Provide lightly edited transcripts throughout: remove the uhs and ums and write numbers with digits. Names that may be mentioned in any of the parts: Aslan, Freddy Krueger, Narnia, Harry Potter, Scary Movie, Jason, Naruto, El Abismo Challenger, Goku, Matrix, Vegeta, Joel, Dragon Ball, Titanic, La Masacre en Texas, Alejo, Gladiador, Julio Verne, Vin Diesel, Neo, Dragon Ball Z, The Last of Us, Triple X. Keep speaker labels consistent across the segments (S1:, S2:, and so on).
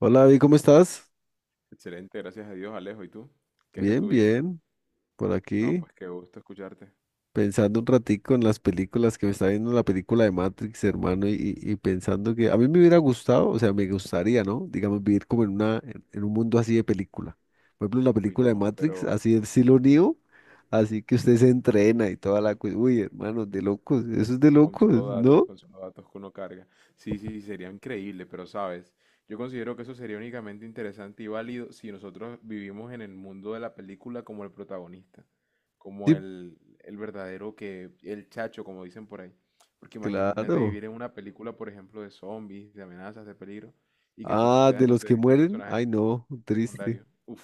S1: Hola, David, ¿cómo estás?
S2: Excelente, gracias a Dios, Alejo. ¿Y tú? ¿Qué es de
S1: Bien,
S2: tu vida?
S1: bien, por
S2: No,
S1: aquí,
S2: pues qué gusto escucharte.
S1: pensando un ratico en las películas que me está viendo la película de Matrix, hermano, y pensando que a mí me hubiera gustado, o sea, me gustaría, ¿no? Digamos, vivir como en un mundo así de película. Por ejemplo, la
S2: Uy,
S1: película de
S2: no,
S1: Matrix,
S2: pero
S1: así el estilo Neo, así que usted se entrena y toda la cosa. Uy, hermano, de locos, eso es de
S2: con
S1: locos,
S2: solo datos,
S1: ¿no?
S2: que uno carga. Sí, sí, sí, sería increíble, pero sabes, yo considero que eso sería únicamente interesante y válido si nosotros vivimos en el mundo de la película como el protagonista, como
S1: Sí,
S2: el verdadero que, el chacho, como dicen por ahí. Porque imagínate
S1: claro.
S2: vivir en una película, por ejemplo, de zombies, de amenazas, de peligro, y que tú
S1: Ah,
S2: seas,
S1: de
S2: no
S1: los que
S2: sé, un
S1: mueren,
S2: personaje
S1: ay, no, triste.
S2: secundario. Uf.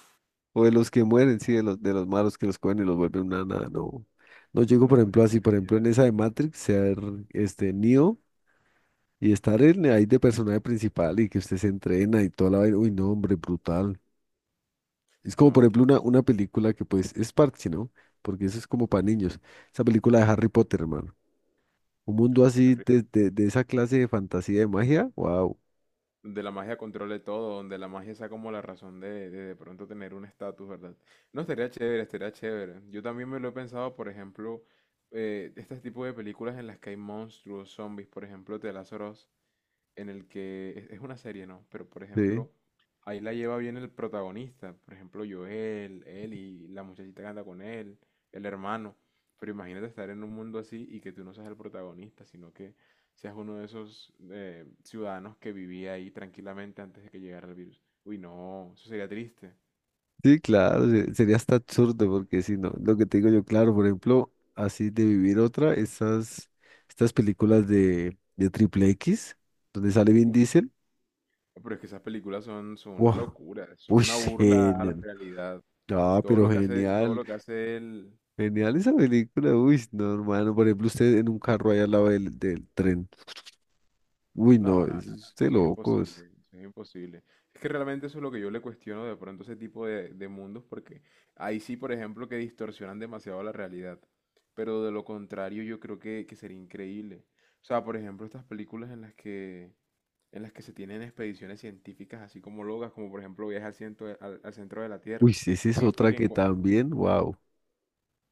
S1: O de los que mueren, sí, de
S2: No.
S1: los, de los malos que los cogen y los vuelven una nada. No, no llego, por
S2: No, es
S1: ejemplo,
S2: que
S1: así, por ejemplo,
S2: sería.
S1: en esa de Matrix, ser este Neo y estar ahí de personaje principal y que usted se entrena y toda la vaina. Uy, no, hombre, brutal. Es como,
S2: No,
S1: por
S2: es que
S1: ejemplo, una película que pues es parche, ¿no? Porque eso es como para niños. Esa película de Harry Potter, hermano. Un mundo así
S2: arri-
S1: de esa clase de fantasía de magia. Wow.
S2: de la magia controle todo, donde la magia sea como la razón de pronto tener un estatus, ¿verdad? No, estaría chévere, estaría chévere. Yo también me lo he pensado, por ejemplo, este tipo de películas en las que hay monstruos, zombies, por ejemplo, The Last of Us, en el que es una serie, ¿no? Pero por
S1: Sí.
S2: ejemplo, ahí la lleva bien el protagonista, por ejemplo, Joel, él y la muchachita que anda con él, el hermano. Pero imagínate estar en un mundo así y que tú no seas el protagonista, sino que seas uno de esos ciudadanos que vivía ahí tranquilamente antes de que llegara el virus. Uy, no, eso sería triste.
S1: Sí, claro, sería hasta absurdo porque si no, lo que te digo yo, claro, por ejemplo, así de vivir otra, estas películas de Triple X, donde sale Vin
S2: Uf,
S1: Diesel.
S2: pero es que esas películas son, son una
S1: Wow.
S2: locura, eso es
S1: Uy,
S2: una burla a la
S1: genial,
S2: realidad.
S1: ah,
S2: Todo
S1: pero
S2: lo que hace, todo
S1: genial,
S2: lo que hace él.
S1: genial esa película. Uy, no, hermano, por ejemplo, usted en un carro ahí al lado del tren. Uy,
S2: No,
S1: no,
S2: no, no, no,
S1: es
S2: no,
S1: de
S2: eso es
S1: locos.
S2: imposible, eso es imposible. Es que realmente eso es lo que yo le cuestiono de pronto a ese tipo de mundos, porque ahí sí, por ejemplo, que distorsionan demasiado la realidad. Pero de lo contrario, yo creo que sería increíble. O sea, por ejemplo, estas películas en las que se tienen expediciones científicas así como locas, como por ejemplo viaje al centro de la
S1: Uy,
S2: Tierra,
S1: sí, esa es
S2: y, y
S1: otra
S2: que,
S1: que
S2: encu-
S1: también, wow.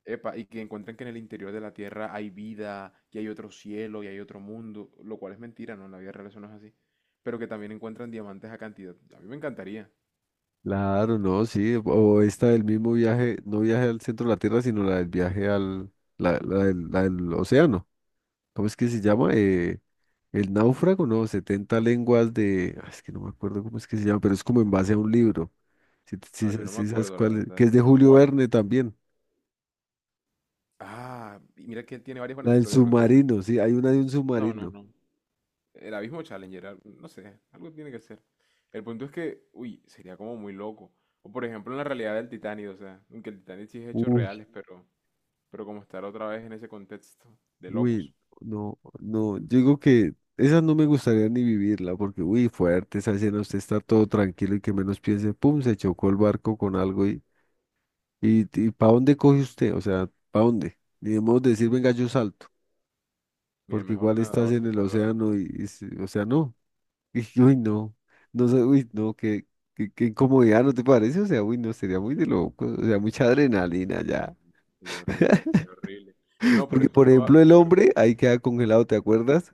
S2: Epa, y que encuentran que en el interior de la Tierra hay vida, y hay otro cielo, y hay otro mundo, lo cual es mentira, ¿no? En la vida real eso no es así. Pero que también encuentran diamantes a cantidad. A mí me encantaría.
S1: Claro, no, sí, o esta del mismo viaje, no viaje al centro de la Tierra, sino la del viaje al, la, la del océano. ¿Cómo es que se
S2: Bueno,
S1: llama? El náufrago, no, 70 lenguas de, es que no me acuerdo cómo es que se llama, pero es como en base a un libro. Si, si,
S2: no, yo
S1: sa-
S2: no me
S1: si sabes
S2: acuerdo, la
S1: cuál es,
S2: verdad.
S1: que es de Julio
S2: ¿Cómo?
S1: Verne también.
S2: Ah, y mira que él tiene varias
S1: La
S2: buenas,
S1: del
S2: pero de pronto ese...
S1: submarino, sí, hay una de un
S2: No, no,
S1: submarino.
S2: no. El Abismo Challenger, no sé, algo tiene que ser. El punto es que, uy, sería como muy loco. O por ejemplo en la realidad del Titanic, o sea, aunque el Titanic sí es hechos reales, pero como estar otra vez en ese contexto de
S1: Uy,
S2: locos.
S1: no, no, yo digo que esa no me gustaría ni vivirla, porque uy, fuerte esa escena, usted está todo tranquilo y que menos piense, pum, se chocó el barco con algo ¿para dónde coge usted? O sea, ¿para dónde? Ni debemos decir, venga, yo salto,
S2: Mi
S1: porque
S2: mejor
S1: igual estás
S2: nadador
S1: en
S2: se
S1: el
S2: salva ahí.
S1: océano y o sea, no. Y, uy, no, no sé, uy, no, qué incomodidad, ¿no te parece? O sea, uy, no, sería muy de loco, o sea, mucha adrenalina ya.
S2: Sería horrible, sería horrible. No, por
S1: Porque
S2: eso
S1: por
S2: toda,
S1: ejemplo el
S2: yo creo,
S1: hombre ahí queda congelado, ¿te acuerdas?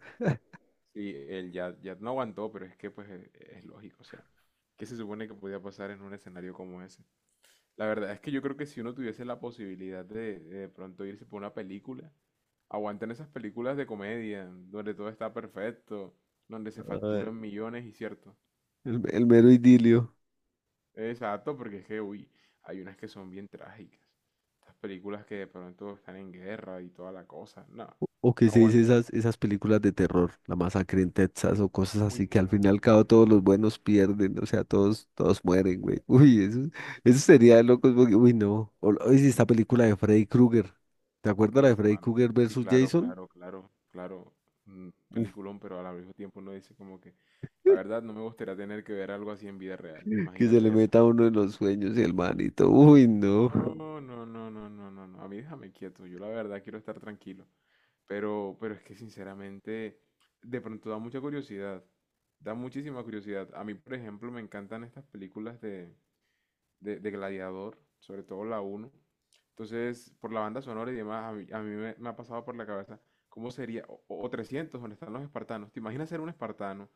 S2: sí, el ya, ya no aguantó, pero es que pues es, lógico, o sea, ¿qué se supone que podía pasar en un escenario como ese? La verdad es que yo creo que si uno tuviese la posibilidad de pronto irse por una película, aguantan esas películas de comedia, donde todo está perfecto, donde se facturan millones y cierto,
S1: El mero idilio.
S2: exacto, porque es que, uy, hay unas que son bien trágicas. Estas películas que de pronto están en guerra y toda la cosa. No,
S1: O que
S2: no
S1: se dice
S2: aguanta.
S1: esas películas de terror, La Masacre en Texas o cosas
S2: Uy,
S1: así, que al fin y
S2: no.
S1: al cabo todos los buenos pierden, o sea, todos mueren, güey. Uy, eso sería de locos, porque, uy, no. Oye, si esta película de Freddy Krueger, ¿te acuerdas la
S2: Uf,
S1: de Freddy
S2: mano.
S1: Krueger
S2: Sí,
S1: versus
S2: claro,
S1: Jason?
S2: claro, claro, claro. Un
S1: Uf,
S2: peliculón, pero al mismo tiempo uno dice como que, la verdad, no me gustaría tener que ver algo así en vida real.
S1: que se le
S2: Imagínate eso.
S1: meta a uno en los sueños y el manito, uy, no.
S2: No, no, no, no, no, no, no. A mí déjame quieto. Yo la verdad quiero estar tranquilo. Pero es que sinceramente, de pronto da mucha curiosidad. Da muchísima curiosidad. A mí, por ejemplo, me encantan estas películas de Gladiador, sobre todo la uno. Entonces, por la banda sonora y demás, a mí me ha pasado por la cabeza cómo sería, o 300, donde están los espartanos. ¿Te imaginas ser un espartano,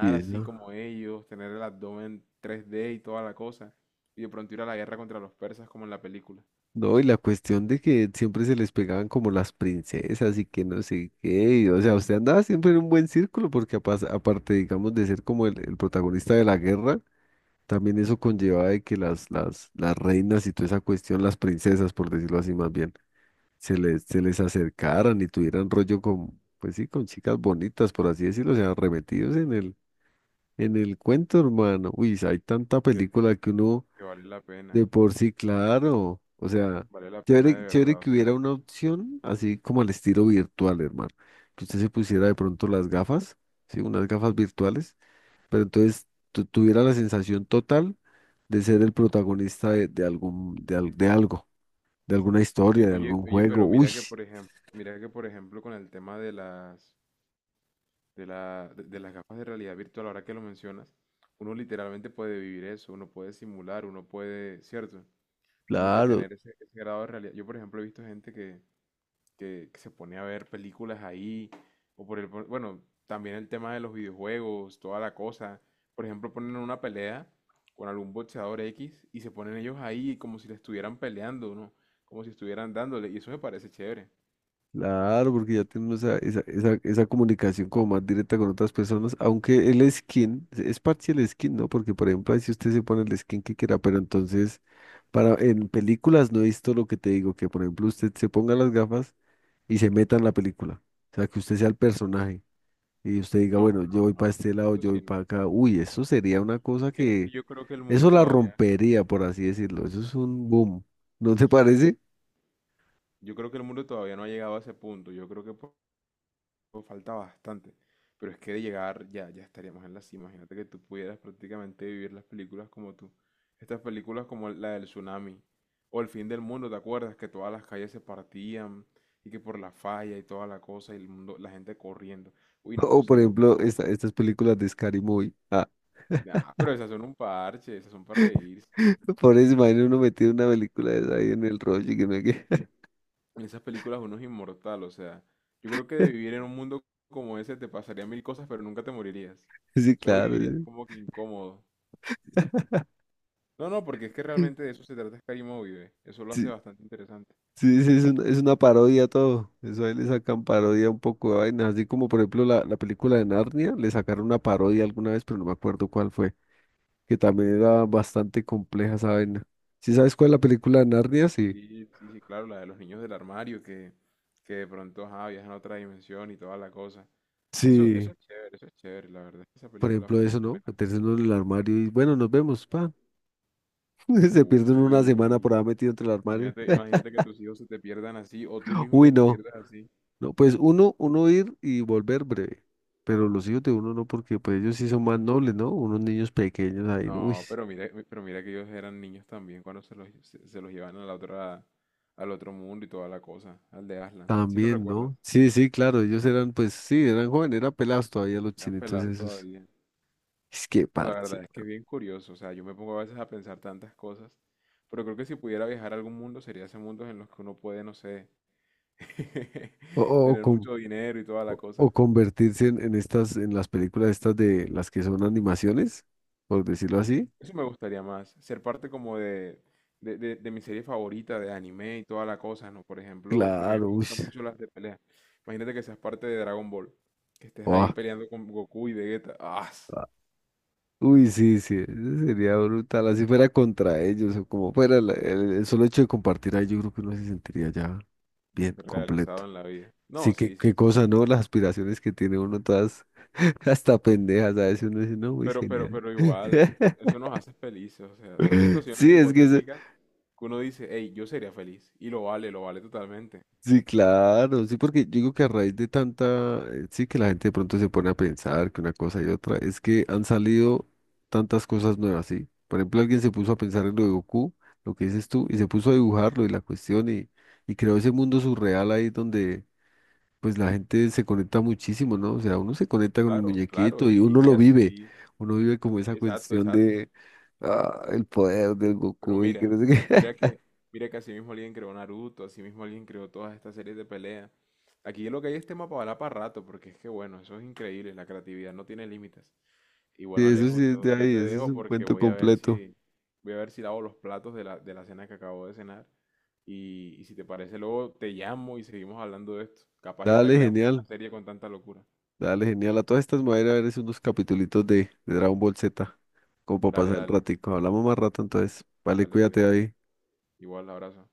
S1: Y
S2: así
S1: eso.
S2: como ellos, tener el abdomen 3D y toda la cosa, y de pronto ir a la guerra contra los persas como en la película?
S1: No, y la cuestión de que siempre se les pegaban como las princesas y que no sé qué, y, o sea, usted andaba siempre en un buen círculo porque aparte, digamos, de ser como el protagonista de la guerra, también eso conllevaba de que las reinas y toda esa cuestión, las princesas, por decirlo así más bien, se les acercaran y tuvieran rollo con, pues sí, con chicas bonitas, por así decirlo, o sea, remetidos en el cuento, hermano. Uy, hay tanta
S2: Que,
S1: película que uno...
S2: que
S1: De por sí, claro. O sea,
S2: vale la pena de
S1: chévere, chévere
S2: verdad, o
S1: que hubiera
S2: sea.
S1: una opción así como al estilo virtual, hermano. Que usted se pusiera de pronto las gafas, ¿sí? Unas gafas virtuales, pero entonces tuviera la sensación total de ser el protagonista de algo, de alguna
S2: Oye,
S1: historia, de
S2: oye,
S1: algún
S2: oye,
S1: juego.
S2: pero
S1: Uy,
S2: mira que por ejemplo, mira que por ejemplo con el tema de las de las gafas de realidad virtual, ahora que lo mencionas, uno literalmente puede vivir eso, uno puede simular, uno puede, ¿cierto? Como que
S1: claro.
S2: tener ese, ese grado de realidad. Yo, por ejemplo, he visto gente que, que se pone a ver películas ahí, o por el, bueno, también el tema de los videojuegos, toda la cosa. Por ejemplo, ponen una pelea con algún boxeador X y se ponen ellos ahí como si le estuvieran peleando, ¿no? Como si estuvieran dándole, y eso me parece chévere.
S1: Claro, porque ya tenemos esa comunicación como más directa con otras personas, aunque el skin es parte del skin, ¿no? Porque, por ejemplo, ahí si usted se pone el skin que quiera, pero entonces, para, en películas no he visto lo que te digo, que, por ejemplo, usted se ponga las gafas y se meta en la película, o sea, que usted sea el personaje y usted diga,
S2: No,
S1: bueno, yo
S2: no,
S1: voy para
S2: no,
S1: este
S2: no.
S1: lado,
S2: Eso
S1: yo
S2: sí,
S1: voy
S2: no.
S1: para acá. Uy, eso sería una
S2: Es
S1: cosa
S2: que, es que
S1: que,
S2: yo creo que el
S1: eso
S2: mundo
S1: la
S2: todavía,
S1: rompería, por así decirlo, eso es un boom, ¿no te
S2: yo
S1: parece?
S2: Yo creo que el mundo todavía no ha llegado a ese punto. Yo creo que falta bastante. Pero es que de llegar ya, ya estaríamos en la cima. Imagínate que tú pudieras prácticamente vivir las películas como tú. Estas películas como la del tsunami o El fin del mundo, ¿te acuerdas? Que todas las calles se partían y que por la falla y toda la cosa y el mundo, la gente corriendo. Uy, no, eso
S1: Por
S2: sería muy
S1: ejemplo,
S2: loco.
S1: estas películas de Scary Movie.
S2: Nah, pero esas son un parche, esas son para reírse.
S1: Por eso, imagino uno metido una película de esa ahí en el rollo y que no hay que...
S2: En esas películas uno es inmortal, o sea, yo creo que de vivir en un mundo como ese te pasarían mil cosas, pero nunca te morirías.
S1: Sí,
S2: Solo
S1: claro.
S2: vivirías como que incómodo.
S1: Sí,
S2: No, no, porque es que realmente de eso se trata Scary Movie, ve, eso lo hace
S1: sí,
S2: bastante interesante.
S1: sí, sí, es una, parodia todo. Eso ahí le sacan parodia un poco de vainas. Así como, por ejemplo, la película de Narnia, le sacaron una parodia alguna vez, pero no me acuerdo cuál fue. Que también era bastante compleja esa vaina. ¿Sí sabes cuál es la película de Narnia? Sí.
S2: Sí, sí, sí, claro, la de los niños del armario que de pronto ajá, viajan a otra dimensión y toda la cosa. Eso
S1: Sí.
S2: es chévere, eso es chévere. La verdad es que esa
S1: Por
S2: película
S1: ejemplo,
S2: fue
S1: eso,
S2: muy
S1: ¿no?
S2: buena.
S1: Meterse uno en el armario y, bueno, nos vemos, pa. Se
S2: Uy,
S1: pierden una semana por haber metido entre el armario.
S2: imagínate que tus hijos se te pierdan así o tú mismo que
S1: Uy,
S2: te
S1: no.
S2: pierdas así.
S1: No, pues uno ir y volver breve, pero los hijos de uno no, porque pues ellos sí son más nobles, ¿no? Unos niños pequeños ahí, ¿no? Uy,
S2: No, pero mira que ellos eran niños también cuando se los llevan a la otra, al otro mundo y toda la cosa, al de Aslan. Si lo
S1: también,
S2: recuerdas,
S1: ¿no? Sí, sí, claro, ellos eran, pues sí, eran jóvenes, eran pelados todavía los
S2: eran
S1: chinitos
S2: pelados
S1: esos.
S2: todavía.
S1: Es que
S2: No, la
S1: parche.
S2: verdad es que es bien curioso, o sea, yo me pongo a veces a pensar tantas cosas, pero creo que si pudiera viajar a algún mundo sería ese mundo en los que uno puede, no sé,
S1: O, o, o
S2: tener
S1: con-
S2: mucho dinero y toda la
S1: o
S2: cosa.
S1: convertirse en las películas estas de las que son animaciones, por decirlo así.
S2: Eso me gustaría más, ser parte como de, de mi serie favorita de anime y toda la cosa, ¿no? Por ejemplo, porque a mí
S1: Claro,
S2: me
S1: uy.
S2: gustan mucho las de pelea. Imagínate que seas parte de Dragon Ball, que estés ahí
S1: Buah.
S2: peleando con Goku y Vegeta. ¡Ah!
S1: Uy, sí, sí, eso sería brutal, así fuera contra ellos o como fuera, el solo hecho de compartir ahí, yo creo que uno se sentiría ya bien, completo.
S2: Realizado en la vida. No,
S1: Sí, qué,
S2: sí, sí, sí.
S1: qué cosa, ¿no? Las aspiraciones que tiene uno todas hasta pendejas, a veces uno dice, no, muy
S2: Pero, pero,
S1: genial.
S2: pero igual, eso nos hace felices, o sea, son situaciones
S1: Sí, es que eso,
S2: hipotéticas que uno dice, hey, yo sería feliz. Y lo vale totalmente.
S1: sí, claro, sí, porque yo digo que a raíz de tanta, sí que la gente de pronto se pone a pensar que una cosa y otra, es que han salido tantas cosas nuevas, ¿sí? Por ejemplo, alguien se puso a pensar en lo de Goku, lo que dices tú, y se puso a dibujarlo y la cuestión, y creó ese mundo surreal ahí donde pues la gente se conecta muchísimo, ¿no? O sea, uno se conecta con el
S2: Claro, claro,
S1: muñequito y
S2: y,
S1: uno
S2: y
S1: lo vive,
S2: así,
S1: uno vive como esa
S2: exacto,
S1: cuestión
S2: exacto.
S1: de, el poder del
S2: Pero
S1: Goku y que
S2: mira,
S1: no sé qué.
S2: mira que, mira que así mismo alguien creó Naruto, así mismo alguien creó todas estas series de pelea. Aquí lo que hay es tema para hablar para rato, porque es que bueno, eso es increíble, la creatividad no tiene límites. Y bueno,
S1: Sí, eso
S2: Alejo,
S1: sí es de
S2: yo
S1: ahí,
S2: te
S1: eso es
S2: dejo
S1: un
S2: porque
S1: cuento
S2: voy a ver
S1: completo.
S2: si, lavo los platos de la cena que acabo de cenar. Y si te parece, luego te llamo y seguimos hablando de esto. Capaz ya hasta
S1: Dale,
S2: creamos una
S1: genial.
S2: serie con tanta locura.
S1: Dale, genial. A todas estas me voy a ir a ver es unos capitulitos de Dragon Ball Z, como para
S2: Dale,
S1: pasar el
S2: dale,
S1: ratico. Hablamos más rato entonces. Vale,
S2: dale,
S1: cuídate
S2: cuídate.
S1: ahí.
S2: Igual, abrazo.